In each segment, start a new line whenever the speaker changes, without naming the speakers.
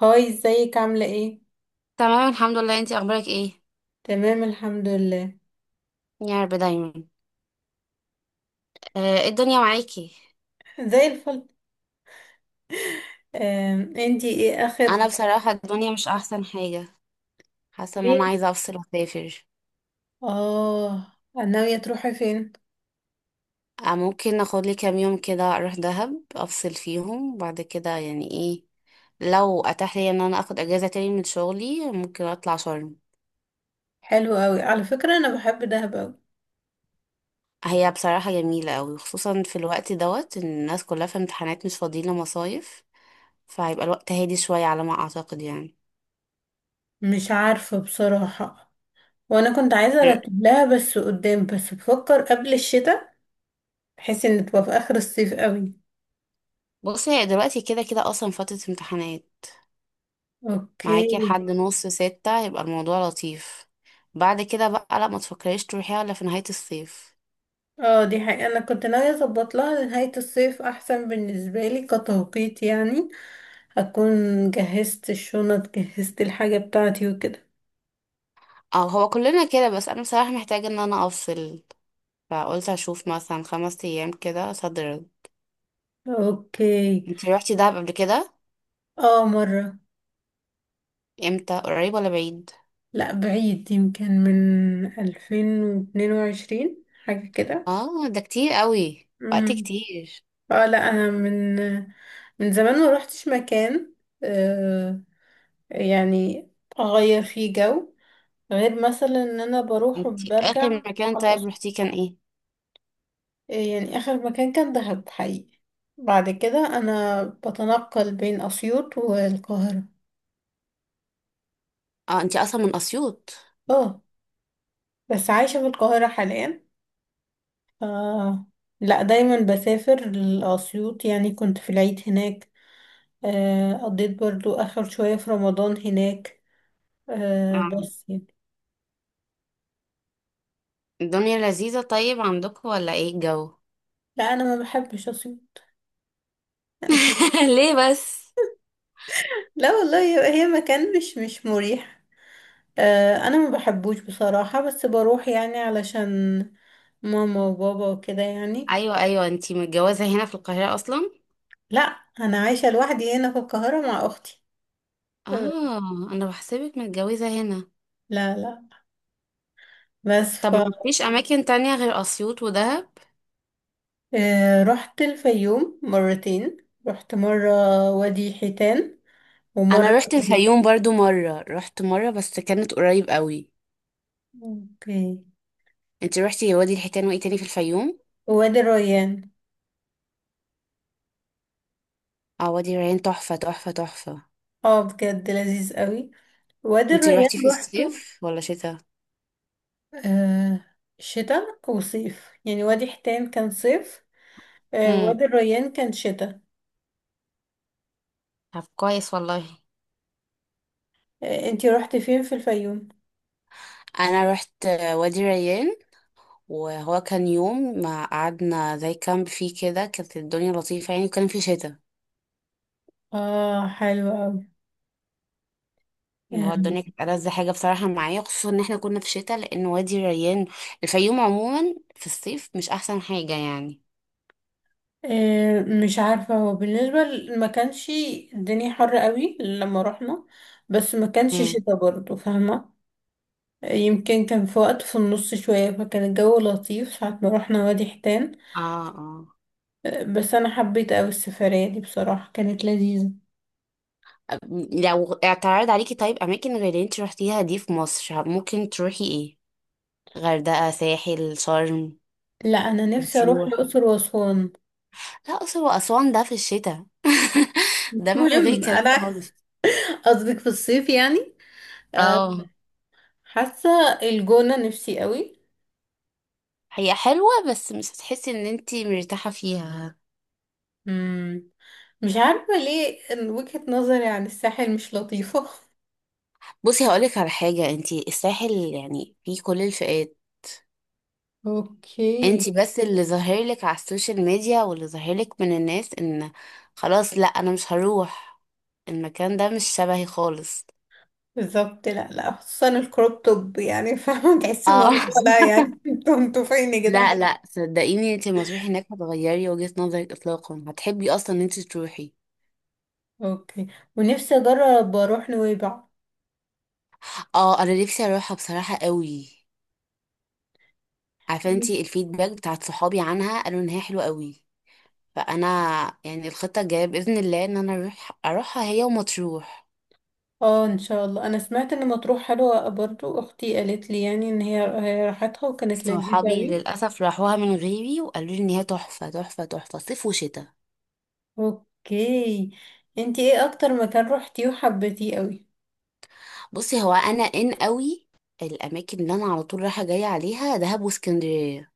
هاي ازيك عاملة ايه؟
تمام، الحمد لله. انتي اخبارك ايه؟
تمام الحمد لله.
يا رب دايما. آه، ايه الدنيا معاكي؟
زي الفل. انتي ايه
انا
اخر
بصراحة الدنيا مش احسن حاجة. حاسة ان انا
جيت.
عايزة افصل واسافر.
اه، ناوية تروحي فين؟
آه، ممكن اخد لي كام يوم كده اروح دهب افصل فيهم بعد كده يعني ايه. لو اتاح لي ان انا اخد اجازة تاني من شغلي ممكن اطلع شرم.
حلو قوي، على فكرة انا بحب دهب قوي.
هي بصراحة جميلة قوي خصوصا في الوقت دوت ان الناس كلها في امتحانات مش فاضيين لمصايف. فهيبقى الوقت هادي شوية على ما اعتقد يعني.
مش عارفة بصراحة، وانا كنت عايزة ارتب لها بس قدام، بس بفكر قبل الشتاء، بحيث ان تبقى في اخر الصيف قوي.
بصي، هي دلوقتي كده كده اصلا فترة امتحانات. معاكي لحد
اوكي.
5:30 يبقى الموضوع لطيف. بعد كده بقى لا، ما تفكريش تروحيها الا في نهاية الصيف.
اه دي حقيقة، انا كنت ناوية اظبط لها نهاية الصيف، احسن بالنسبة لي كتوقيت يعني. هكون جهزت الشنط، جهزت الحاجة بتاعتي وكده.
اه، هو كلنا كده بس انا بصراحة محتاجة ان انا افصل. فقلت اشوف مثلا 5 ايام كده صدر.
اوكي.
انتي روحتي دهب قبل كده؟
اه مرة.
امتى؟ قريب ولا بعيد؟
لا بعيد، يمكن من 2022 حاجة كده.
اه، ده كتير قوي، وقت
مم.
كتير.
اه لا انا من، من زمان ما روحتش مكان. آه يعني اغير فيه جو، غير مثلا ان انا بروح
انتي
وبرجع.
اخر مكان
على
طيب
الأصل
روحتيه كان ايه؟
يعني اخر مكان كان دهب حقيقي. بعد كده انا بتنقل بين اسيوط والقاهرة.
اه، انتي اصلا من اسيوط؟
اه بس عايشة في القاهرة حاليا. ف... لا دايما بسافر لأسيوط، يعني كنت في العيد هناك. آه، قضيت برضو آخر شوية في رمضان هناك. آه،
اه،
بس يعني.
الدنيا لذيذة، طيب عندكم ولا ايه الجو؟
لا أنا ما بحبش أسيوط. لا مش.
ليه بس؟
لا والله هي، هي مكان مش مريح. آه، أنا ما بحبوش بصراحة، بس بروح يعني علشان ماما وبابا وكده يعني.
ايوه، ايوه، انتي متجوزه هنا في القاهره اصلا؟
لا أنا عايشة لوحدي هنا في القاهرة مع أختي. آه،
اه، انا بحسبك متجوزه هنا.
لا لا بس.
طب ما فيش اماكن تانية غير اسيوط ودهب؟
آه، رحت الفيوم مرتين. رحت مرة وادي حيتان
انا
ومرة
رحت
وادي.
الفيوم برضو مره، رحت مره بس كانت قريب قوي.
اوكي.
انتي رحتي وادي الحيتان وايه تاني في الفيوم؟
وادي الريان.
اه، وادي الريان تحفه تحفه تحفه.
اه بجد لذيذ قوي، وادي
انتي
الريان
رحتي في
روحته.
الصيف ولا شتاء؟
آه، شتاء وصيف، يعني وادي حيتان كان صيف، آه
امم.
وادي الريان كان شتاء.
طب كويس والله.
آه انتي روحتي فين في الفيوم؟
انا رحت وادي الريان، وهو كان يوم ما قعدنا زي كامب فيه كده، كانت الدنيا لطيفه يعني، وكان في شتاء.
اه حلو قوي.
إن هو
آه،
الدنيا كانت ألذ حاجة بصراحة معايا، خصوصا إن احنا كنا في شتاء، لأن وادي الريان الفيوم عموما في الصيف مش أحسن حاجة يعني.
آه، مش عارفة هو بالنسبة ما كانش الدنيا حر قوي لما رحنا، بس ما كانش
امم.
شتاء برضه، فاهمة. يمكن كان في وقت في النص شوية، فكان الجو لطيف ساعة ما روحنا وادي حيتان.
اه، اه.
آه، بس أنا حبيت أوي السفرية دي، بصراحة كانت لذيذة.
أب- لو اعترض عليكي طيب أماكن غير اللي انت روحتيها دي في مصر ممكن تروحي ايه؟ غردقة، ساحل، شرم.
لا أنا نفسي أروح
بتروح.
الأقصر وأسوان.
لا، أقصر وأسوان ده في الشتاء، ده
مش
من غير
مهم
كلام
أنا.
خالص.
قصدك في الصيف يعني. أه،
اه.
حاسة الجونة نفسي أوي.
هي حلوة بس مش هتحسي ان انتي مرتاحة فيها.
مم. مش عارفة ليه إن وجهة نظري عن الساحل مش لطيفة.
بصي، هقولك على حاجة، انتي الساحل يعني فيه كل الفئات.
اوكي.
انتي بس اللي ظاهر لك على السوشيال ميديا واللي ظاهر لك من الناس ان خلاص لا انا مش هروح، المكان ده مش شبهي خالص.
بالظبط، لا لا، خصوصا الكروب توب يعني. فاهمة، تحس ان
اه
هو، لا يعني. انتوا فين يا
لا،
جدعان.
لا، صدقيني انتي لما تروحي هناك هتغيري وجهة نظرك اطلاقا، هتحبي اصلا ان انتي تروحي.
اوكي، ونفسي اجرب اروح نويبع.
اه، انا نفسي اروحها بصراحة قوي. عارفه انتي الفيدباك بتاعت صحابي عنها؟ قالوا ان هي حلوة قوي. فانا يعني الخطة الجاية باذن الله ان انا اروحها هي ومطروح.
اه ان شاء الله، انا سمعت ان مطروح حلوة برضو، اختي قالت لي يعني ان هي، هي راحتها وكانت لذيذة
صحابي
اوي.
للأسف راحوها من غيري وقالوا لي إن هي تحفة تحفة تحفة، صيف وشتاء.
اوكي. انتي ايه اكتر مكان روحتيه وحبيتيه اوي؟
بصي، هو أنا إن قوي. الأماكن اللي أنا على طول رايحة جاية عليها دهب واسكندرية.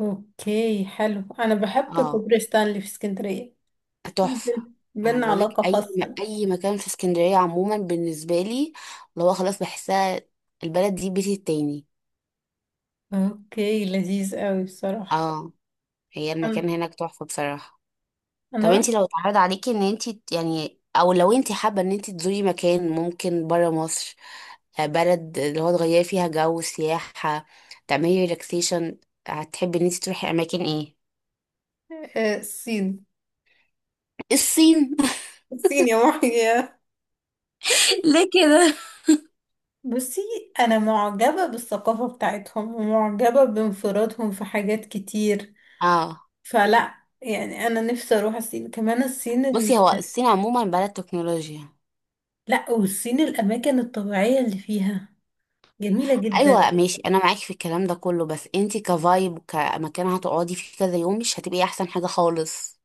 اوكي حلو، انا بحب
اه،
كوبري ستانلي في اسكندرية. في
تحفة. أنا
بينا
بقولك
علاقة
أي
خاصة.
أي مكان في اسكندرية عموما بالنسبة لي اللي هو خلاص بحسها البلد دي بيتي التاني.
اوكي لذيذ اوي بصراحة.
اه. هي
انا
المكان هناك تحفة بصراحة.
أنا
طب
رحت.
انت لو اتعرض عليكي ان انت يعني، او لو انت حابة ان انت تزوري مكان ممكن برا مصر، بلد اللي هو تغيري فيها جو، سياحة، تعملي ريلاكسيشن، هتحبي ان انت تروحي اماكن ايه؟
آه، الصين.
الصين؟
الصين يا محيي.
ليه كده؟
بصي، انا معجبة بالثقافة بتاعتهم، ومعجبة بانفرادهم في حاجات كتير.
اه،
فلا يعني انا نفسي اروح الصين، كمان الصين ال...
بصي هو الصين عموما بلد تكنولوجيا.
لا، والصين الاماكن الطبيعية اللي فيها جميلة جدا.
ايوه ماشي، انا معاكي في الكلام ده كله، بس انت كفايب كمكان هتقعدي فيه كذا يوم مش هتبقي احسن حاجة خالص،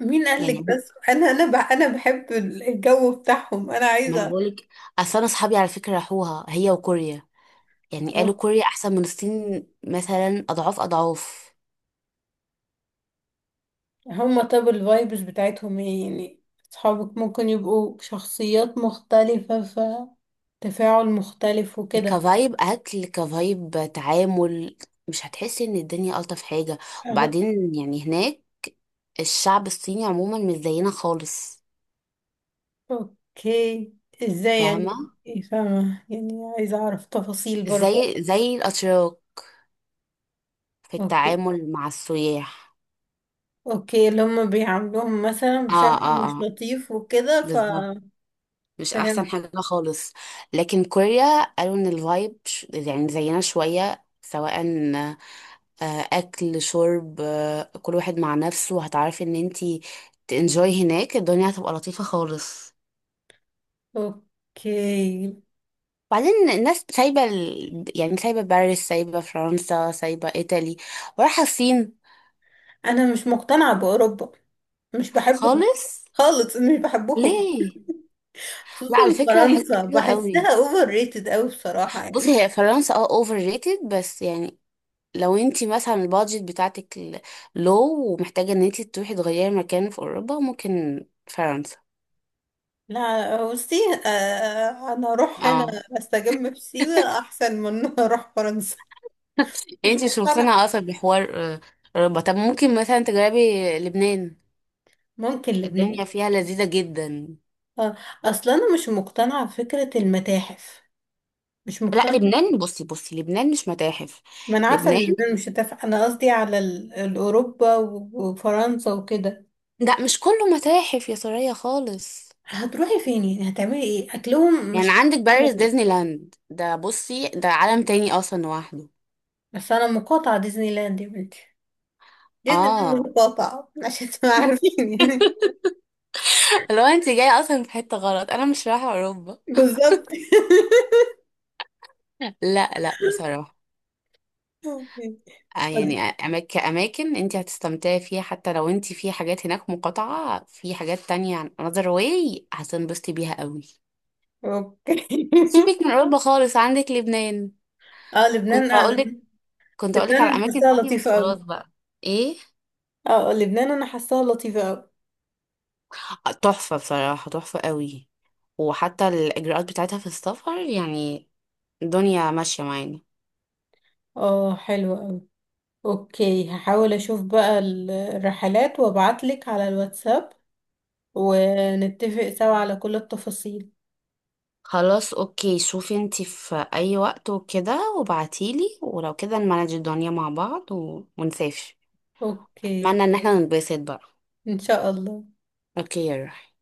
مين
يعني.
قالك، بس انا، انا بحب الجو بتاعهم، انا
ما انا
عايزة
بقولك، اصل انا اصحابي على فكرة راحوها هي وكوريا، يعني قالوا
أروح.
كوريا احسن من الصين مثلا اضعاف اضعاف.
هما طب الفايبز بتاعتهم ايه يعني؟ اصحابك ممكن يبقوا شخصيات مختلفة، فتفاعل مختلف وكده.
كفايب اكل، كفايب تعامل. مش هتحسي ان الدنيا الطف حاجه. وبعدين يعني هناك الشعب الصيني عموما مش زينا خالص،
اوكي، ازاي يعني؟
فاهمه؟
إيه فاهمة يعني، عايزة اعرف تفاصيل برضو.
زي الاتراك في
اوكي،
التعامل مع السياح.
اوكي، اللي هم بيعاملوهم مثلا
اه،
بشكل
اه،
مش
اه،
لطيف وكده، ف...
بالظبط. مش احسن
فهمت.
حاجه خالص. لكن كوريا قالوا ان يعني زينا شويه سواء. آه، اكل، شرب، كل واحد مع نفسه. هتعرفي ان انتي تنجوي هناك الدنيا هتبقى لطيفة خالص.
اوكي.
بعدين الناس سايبة يعني سايبة باريس، سايبة فرنسا، سايبة ايطالي، ورايحة الصين.
انا مش مقتنعة باوروبا، مش بحبهم
خالص؟
خالص، مش بحبهم.
ليه؟ لا،
خصوصا
على فكرة
فرنسا،
حلوة قوي.
بحسها اوفر ريتد اوي بصراحة يعني.
بصي هي فرنسا اوفر ريتد، بس يعني لو انتي مثلا البادجت بتاعتك، لو ومحتاجة ان انتي تروحي تغيري مكان في اوروبا، ممكن فرنسا.
لا بصي، آه، انا اروح هنا،
اه.
استجم في سيوة احسن من إن أنا اروح فرنسا.
يعني
مش
انتي مش
مقتنعة.
مقتنعة اصلا بحوار؟ آه، ربع، طب ممكن مثلا تجربي لبنان.
ممكن لبنان.
الدنيا فيها لذيذة جدا.
اه اصلا انا مش مقتنعه بفكره المتاحف، مش
لا
مقتنعه.
لبنان، بصي بصي لبنان مش متاحف.
ما انا عارفه ان
لبنان
اليابان مش هتنفع، انا قصدي على الاوروبا وفرنسا وكده.
ده مش كله متاحف يا سوريا خالص.
هتروحي فين يعني، هتعملي ايه، اكلهم
يعني
مش هت-.
عندك باريس، ديزني لاند، ده بصي ده عالم تاني اصلا لوحده.
بس انا مقاطعه ديزني لاند يا بنتي، ديزني لاند
اه.
مقاطعه عشان تبقى عارفين يعني.
لو انت جاية اصلا في حتة غلط، انا مش رايحة اوروبا.
بالظبط.
لا، لا، بصراحة يعني، كأماكن انت هتستمتعي فيها، حتى لو انت في حاجات هناك مقاطعة، في حاجات تانية عن another way هتنبسطي بيها قوي.
اوكي،
سيبك من أوروبا خالص، عندك لبنان.
اه
كنت
لبنان. آه،
هقولك كنت هقولك على
لبنان
أماكن
حاساها
تانية، بس
لطيفه
خلاص
قوي.
بقى. ايه؟
اه لبنان انا حاساها لطيفه قوي.
آه، تحفة بصراحة، تحفة قوي. وحتى الإجراءات بتاعتها في السفر يعني الدنيا ماشية معانا.
اه حلوه. اوكي هحاول اشوف بقى الرحلات، وابعتلك على الواتساب، ونتفق سوا على كل التفاصيل.
خلاص، اوكي شوفي انتي في اي وقت وكده وبعتيلي، ولو كده نمانج الدنيا مع بعض ونسافر.
اوكي
معنى ان احنا ننبسط بقى.
ان شاء الله.
اوكي يا روحي.